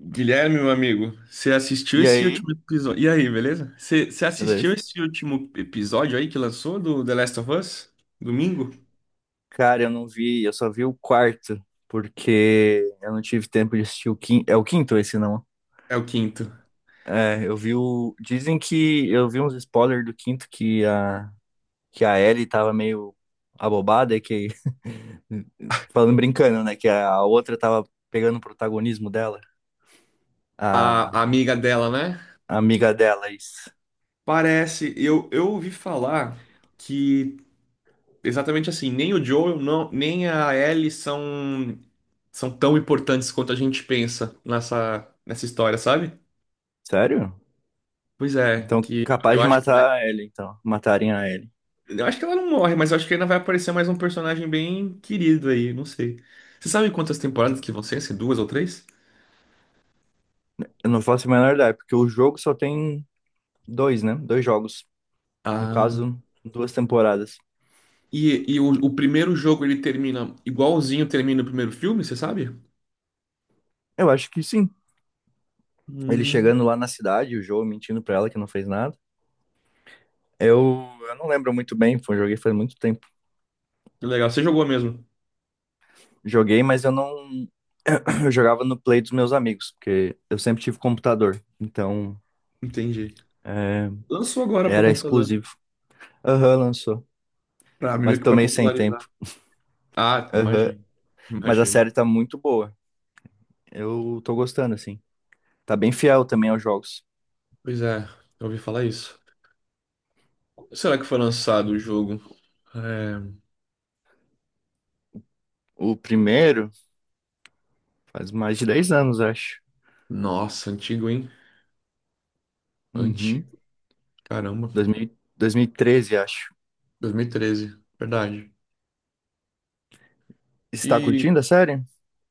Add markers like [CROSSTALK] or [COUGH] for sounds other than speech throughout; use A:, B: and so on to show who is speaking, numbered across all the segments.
A: Guilherme, meu amigo, você assistiu
B: E
A: esse
B: aí?
A: último episódio? E aí, beleza? Você assistiu
B: Beleza.
A: esse último episódio aí que lançou do The Last of Us? Domingo?
B: Cara, eu não vi, eu só vi o quarto, porque eu não tive tempo de assistir o quinto. É o quinto esse, não?
A: É o quinto.
B: É, eu vi o. Dizem que eu vi uns spoilers do quinto que a Ellie tava meio abobada, e que. [LAUGHS] Falando brincando, né? Que a outra tava pegando o protagonismo dela,
A: A,
B: a,
A: a amiga dela, né?
B: a amiga dela, é isso.
A: Parece, eu ouvi falar que exatamente assim, nem o Joel, não, nem a Ellie são tão importantes quanto a gente pensa nessa história, sabe?
B: Sério?
A: Pois é,
B: Então,
A: que
B: capaz
A: eu
B: de
A: acho que.
B: matar a Ellie, então. Matarem a Ellie.
A: Eu acho que ela não morre, mas eu acho que ainda vai aparecer mais um personagem bem querido aí, não sei. Você sabe quantas temporadas que vão ser? Se duas ou três?
B: Eu não faço a menor ideia, porque o jogo só tem dois, né? Dois jogos. No
A: Ah.
B: caso, duas temporadas.
A: E o primeiro jogo ele termina igualzinho termina o primeiro filme, você sabe?
B: Eu acho que sim. Ele
A: Hum,
B: chegando lá na cidade, o Joe mentindo pra ela que não fez nada. Eu, eu não lembro muito bem, foi, joguei faz muito tempo.
A: que legal. Você jogou mesmo?
B: Joguei, mas eu não. [CLEARS THROAT] Eu jogava no Play dos meus amigos, porque eu sempre tive computador. Então,
A: Entendi.
B: é,
A: Lançou agora para
B: era
A: computador,
B: exclusivo. Aham, lançou.
A: para meio
B: Mas
A: que para
B: tomei sem
A: popularizar.
B: tempo.
A: Ah,
B: Aham.
A: imagino.
B: Mas a
A: Imagino.
B: série tá muito boa. Eu tô gostando, assim. Tá bem fiel também aos jogos.
A: Pois é, eu ouvi falar isso. Será que foi lançado o jogo? É.
B: O primeiro faz mais de 10 anos, acho.
A: Nossa, antigo, hein?
B: Uhum.
A: Antigo. Caramba,
B: dois mil, dois mil e treze acho.
A: 2013. Verdade.
B: Está
A: E
B: curtindo a série?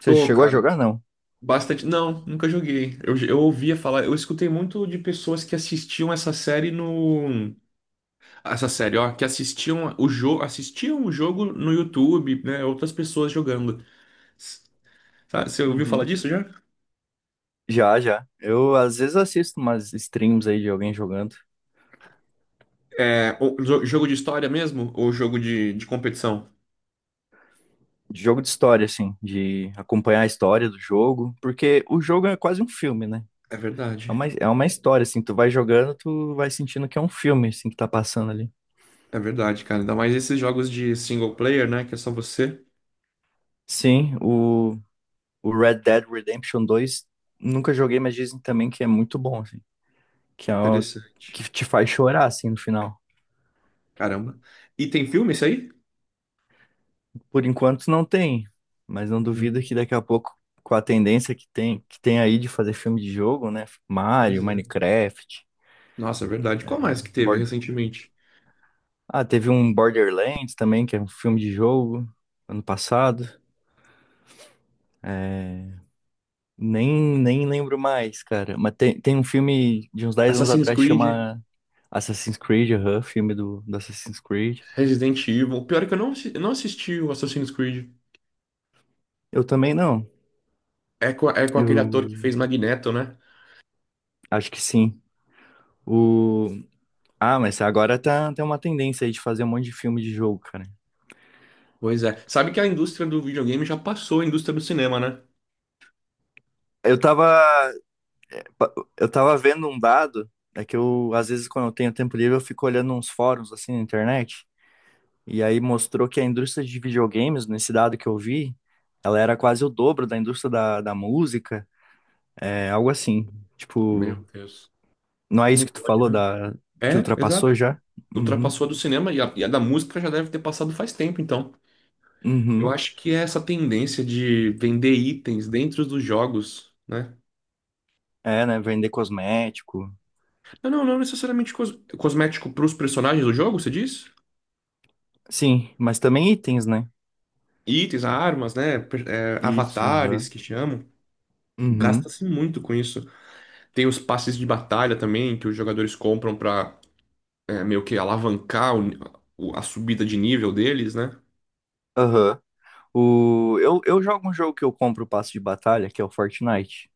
B: Você
A: tô,
B: chegou a
A: cara,
B: jogar? Não.
A: bastante. Não, nunca joguei. Eu ouvia falar, eu escutei muito de pessoas que assistiam essa série no. Essa série, ó, que assistiam o jogo no YouTube, né? Outras pessoas jogando. S- Sabe, você ouviu falar
B: Uhum.
A: disso já?
B: Já, já. Eu às vezes assisto umas streams aí de alguém jogando.
A: É, o jogo de história mesmo? Ou jogo de competição?
B: De jogo de história, assim, de acompanhar a história do jogo, porque o jogo é quase um filme, né?
A: É
B: É
A: verdade.
B: uma, é uma história, assim, tu vai jogando, tu vai sentindo que é um filme, assim, que tá passando ali.
A: É verdade, cara. Ainda mais esses jogos de single player, né? Que é só você.
B: Sim, o Red Dead Redemption 2 nunca joguei, mas dizem também que é muito bom, assim, que é o,
A: Interessante.
B: que te faz chorar, assim, no final.
A: Caramba. E tem filme isso aí?
B: Por enquanto não tem, mas não duvido
A: Hum,
B: que daqui a pouco, com a tendência que tem aí de fazer filme de jogo, né?
A: pois
B: Mario,
A: é.
B: Minecraft,
A: Nossa, é verdade. Qual mais que teve
B: Bor-
A: recentemente?
B: Ah, teve um Borderlands também, que é um filme de jogo, ano passado. Nem lembro mais, cara. Mas tem um filme de uns 10 anos
A: Assassin's
B: atrás que
A: Creed,
B: chama Assassin's Creed, aham, filme do Assassin's Creed.
A: Resident Evil. Pior é que eu não assisti o Assassin's Creed.
B: Eu também não.
A: É com aquele ator que
B: Eu
A: fez Magneto, né?
B: acho que sim. O... Ah, mas agora tá, tem uma tendência aí de fazer um monte de filme de jogo, cara.
A: Pois é. Sabe que a indústria do videogame já passou a indústria do cinema, né?
B: Eu tava, eu tava vendo um dado, é que eu, às vezes, quando eu tenho tempo livre, eu fico olhando uns fóruns, assim, na internet, e aí mostrou que a indústria de videogames, nesse dado que eu vi, ela era quase o dobro da indústria da música, é algo assim, tipo,
A: Meu Deus.
B: não é isso
A: Como
B: que tu
A: pode,
B: falou,
A: né?
B: que
A: É,
B: ultrapassou
A: exato.
B: já? Uhum,
A: Ultrapassou a do cinema e a da música já deve ter passado faz tempo, então. Eu
B: uhum,
A: acho que é essa tendência de vender itens dentro dos jogos, né?
B: é, né, vender cosmético,
A: Não, não, não necessariamente cosmético para os personagens do jogo, você diz?
B: sim, mas também itens, né?
A: Itens, armas, né? per- é,
B: Isso,
A: avatares
B: aham,
A: que chamam.
B: uhum,
A: Gasta-se muito com isso. Tem os passes de batalha também que os jogadores compram pra meio que alavancar a subida de nível deles, né?
B: aham. Eu jogo um jogo que eu compro o passe de batalha, que é o Fortnite.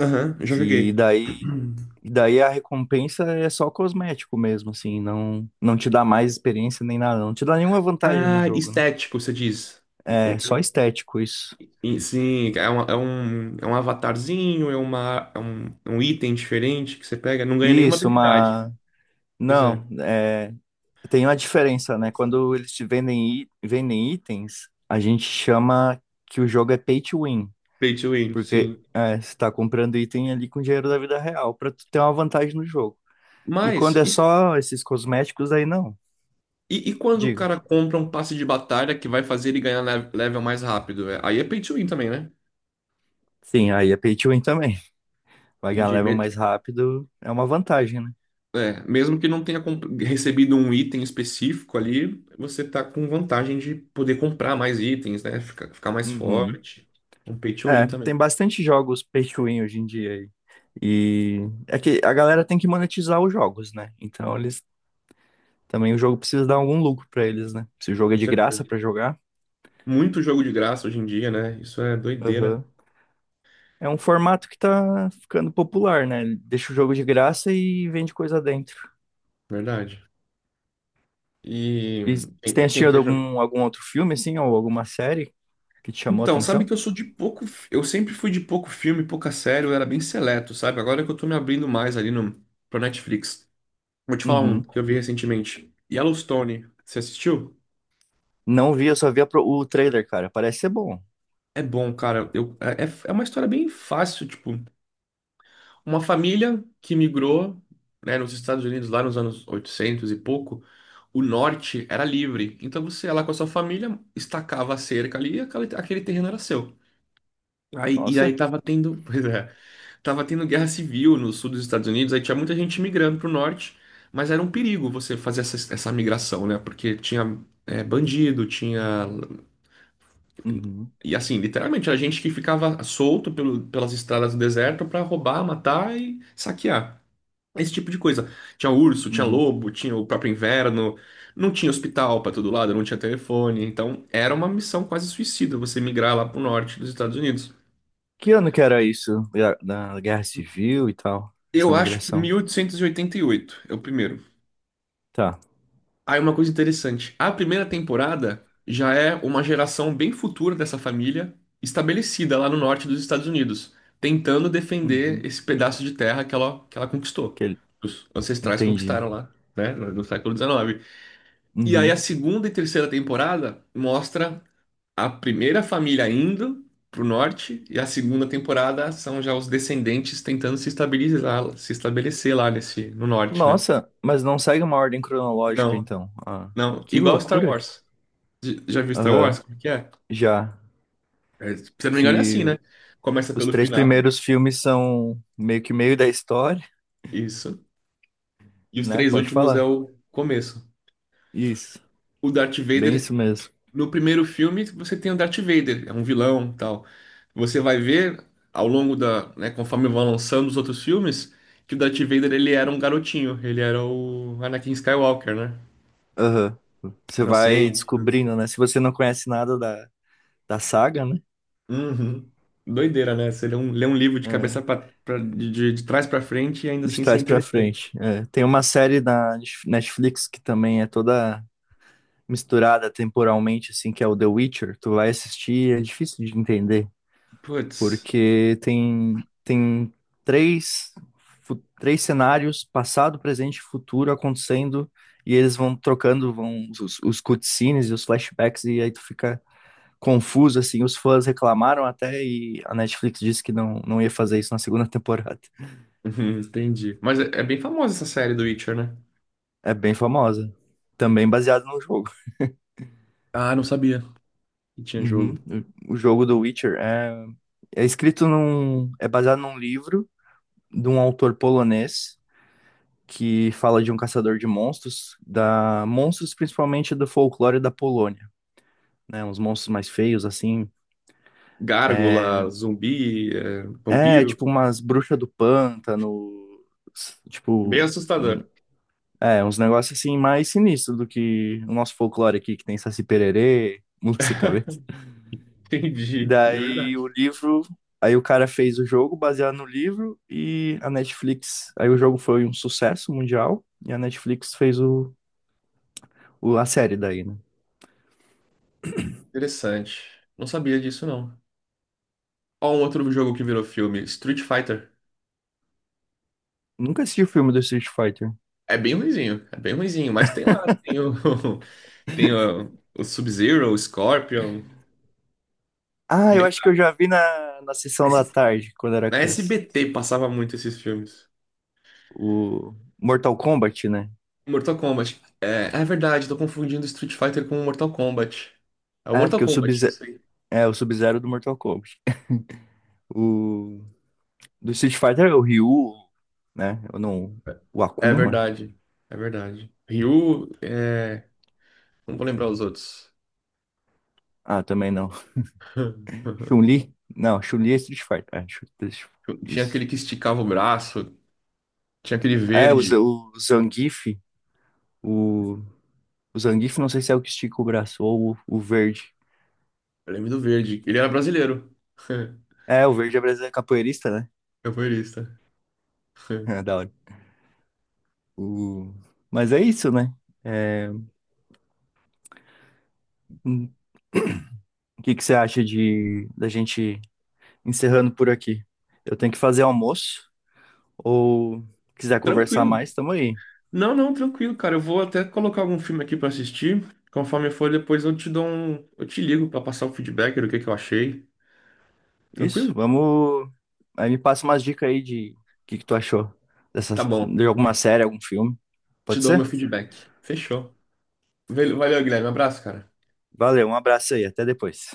A: Aham, já
B: Que
A: joguei.
B: daí,
A: [CLEARS THROAT]
B: daí a recompensa é só cosmético mesmo, assim, não te dá mais experiência nem nada, não te dá nenhuma vantagem no
A: Ah,
B: jogo, né?
A: estético, você diz.
B: É só estético isso.
A: E sim, é, um é um, é um avatarzinho, é, uma, é um item diferente que você pega, não ganha nenhuma
B: Isso,
A: habilidade.
B: mas
A: Pois é,
B: não. Tem uma diferença, né? Quando eles te vendem, vendem itens, a gente chama que o jogo é pay to win,
A: pay to win,
B: porque
A: sim.
B: você tá comprando item ali com dinheiro da vida real pra tu ter uma vantagem no jogo. E quando
A: Mas,
B: é
A: e
B: só esses cosméticos, aí não.
A: e quando o
B: Digo.
A: cara compra um passe de batalha que vai fazer ele ganhar level mais rápido? É, aí é pay to win também, né?
B: Sim, aí é pay to win também. Pagar a
A: Entendi.
B: level mais rápido é uma vantagem, né?
A: Mesmo que não tenha recebido um item específico ali, você tá com vantagem de poder comprar mais itens, né? Ficar mais
B: Uhum.
A: forte. Um pay to win
B: É,
A: também,
B: tem bastante jogos pay to win hoje em dia aí. E é que a galera tem que monetizar os jogos, né? Então eles também o jogo precisa dar algum lucro pra eles, né? Se o jogo é
A: com
B: de
A: certeza.
B: graça pra jogar.
A: Muito jogo de graça hoje em dia, né? Isso é doideira,
B: Aham. É um formato que tá ficando popular, né? Ele deixa o jogo de graça e vende coisa dentro.
A: verdade. E
B: E você tem
A: quem, quem
B: assistido
A: quer
B: algum outro filme assim ou alguma série que te chamou a
A: Então, sabe que
B: atenção?
A: eu sou de pouco. Eu sempre fui de pouco filme, pouca série, eu era bem seleto, sabe? Agora que eu tô me abrindo mais ali no, pro Netflix. Vou te falar um
B: Uhum.
A: que eu vi recentemente: Yellowstone. Você assistiu?
B: Não vi, eu só vi o trailer, cara. Parece ser bom.
A: É bom, cara. Eu, é, é é uma história bem fácil, tipo, uma família que migrou, né, nos Estados Unidos lá nos anos 800 e pouco, o norte era livre. Então você ia lá com a sua família, estacava a cerca ali e aquele terreno era seu. Aí, e aí
B: Nossa.
A: tava tendo. [LAUGHS] Tava tendo guerra civil no sul dos Estados Unidos, aí tinha muita gente migrando pro norte, mas era um perigo você fazer essa migração, né? Porque tinha bandido, tinha.
B: Uhum.
A: E assim, literalmente, a gente que ficava solto pelas estradas do deserto pra roubar, matar e saquear. Esse tipo de coisa. Tinha urso, tinha
B: Uhum.
A: lobo, tinha o próprio inverno, não tinha hospital pra todo lado, não tinha telefone. Então, era uma missão quase suicida você migrar lá pro
B: E
A: norte dos Estados Unidos.
B: que ano que era isso? Da Guerra Civil e tal? Essa
A: Eu acho que
B: migração.
A: mil oitocentos e oitenta e oito é o primeiro.
B: Tá.
A: Aí uma coisa interessante, a primeira temporada já é uma geração bem futura dessa família, estabelecida lá no norte dos Estados Unidos, tentando defender
B: Uhum.
A: esse pedaço de terra que ela conquistou.
B: Que ele-
A: Os ancestrais
B: Entendi.
A: conquistaram lá, né, no século XIX. E aí a
B: Uhum.
A: segunda e terceira temporada mostra a primeira família indo pro norte e a segunda temporada são já os descendentes tentando se estabilizar, se estabelecer lá nesse no norte, né?
B: Nossa, mas não segue uma ordem cronológica,
A: Não,
B: então. Ah,
A: não,
B: que
A: igual Star
B: loucura.
A: Wars. Já viu Star
B: Aham.
A: Wars? Como é que é?
B: Já.
A: É, se eu não me engano, é assim,
B: Que
A: né? Começa
B: os
A: pelo
B: três
A: final,
B: primeiros filmes são meio que meio da história,
A: isso. E os
B: né?
A: três
B: Pode
A: últimos é
B: falar.
A: o começo.
B: Isso.
A: O Darth
B: Bem
A: Vader,
B: isso mesmo.
A: no primeiro filme, você tem o Darth Vader, é um vilão, tal. Você vai ver ao longo da, né, conforme vão lançando os outros filmes, que o Darth Vader ele era um garotinho, ele era o Anakin Skywalker, né?
B: Aham. Você vai
A: Inocente.
B: descobrindo, né? Se você não conhece nada da saga, né?
A: Uhum. Doideira, né? Você lê um livro de
B: É,
A: cabeça de trás pra frente e ainda
B: de
A: assim isso é
B: trás pra frente.
A: interessante.
B: É, tem uma série da Netflix que também é toda misturada temporalmente, assim, que é o The Witcher. Tu vai assistir, é difícil de entender,
A: Putz.
B: porque tem três, três cenários, passado, presente e futuro, acontecendo, e eles vão trocando, vão os cutscenes e os flashbacks, e aí tu fica confuso, assim, os fãs reclamaram até e a Netflix disse que não ia fazer isso na segunda [LAUGHS] temporada.
A: Uhum, entendi. Mas é bem famosa essa série do Witcher, né?
B: É bem famosa. Também baseado no jogo.
A: Ah, não sabia que tinha
B: Uhum.
A: jogo.
B: O jogo do Witcher é, é escrito num. É baseado num livro de um autor polonês que fala de um caçador de monstros, da monstros principalmente do folclore da Polônia, né? Uns monstros mais feios, assim.
A: Gárgula, zumbi,
B: É,
A: vampiro.
B: tipo umas bruxas do pântano, s-
A: Bem
B: tipo, um-
A: assustador.
B: É, uns negócios assim mais sinistros do que o nosso folclore aqui, que tem Saci Pererê, [LAUGHS] Mula Sem Cabeça.
A: [LAUGHS] Entendi. De
B: Daí o
A: verdade.
B: livro, aí o cara fez o jogo baseado no livro e a Netflix, aí o jogo foi um sucesso mundial e a Netflix fez a série daí, né?
A: Interessante. Não sabia disso, não. Ó, um outro jogo que virou filme, Street Fighter.
B: Nunca assisti o filme do Street Fighter.
A: É bem ruinzinho, mas tem lá, tem o, [LAUGHS] tem o Sub-Zero, o Scorpion.
B: Ah, eu
A: Bem,
B: acho que eu já vi na
A: na
B: sessão da
A: S-
B: tarde, quando era
A: na
B: criança.
A: SBT passava muito esses filmes.
B: O Mortal Kombat, né?
A: Mortal Kombat. É verdade, tô confundindo Street Fighter com Mortal Kombat. É o
B: É,
A: Mortal
B: porque o
A: Kombat, eu
B: Sub-Zero,
A: sei.
B: o Sub-Zero do Mortal Kombat. O do Street Fighter é o Ryu, né? Eu não. O
A: É
B: Akuma?
A: verdade, é verdade. Ryu, é... não vou lembrar os outros.
B: Ah, também não.
A: [LAUGHS]
B: Chun-Li? Não, Chun-Li é Street Fighter. É,
A: Tinha
B: isso.
A: aquele que esticava o braço, tinha aquele
B: É, o, Z-
A: verde.
B: o, o Zangief, não sei se é o que estica o braço ou o verde.
A: Eu lembro do verde. Ele era brasileiro. [LAUGHS]
B: É, o verde é brasileiro é capoeirista, né? [LAUGHS]
A: Capoeirista. [LAUGHS]
B: É, da hora. O, mas é isso, né? Hum, O que que você acha de da gente encerrando por aqui? Eu tenho que fazer almoço ou quiser conversar
A: Tranquilo.
B: mais, tamo aí.
A: Não, não, tranquilo, cara. Eu vou até colocar algum filme aqui pra assistir. Conforme for, depois eu te dou um. Eu te ligo pra passar o feedback do que eu achei.
B: Isso,
A: Tranquilo?
B: vamos. Aí me passa umas dicas aí de o que que tu achou
A: Tá
B: dessas,
A: bom.
B: de alguma série, algum filme.
A: Te
B: Pode
A: dou meu
B: ser?
A: feedback. Fechou. Valeu, Guilherme. Um abraço, cara.
B: Valeu, um abraço aí, até depois.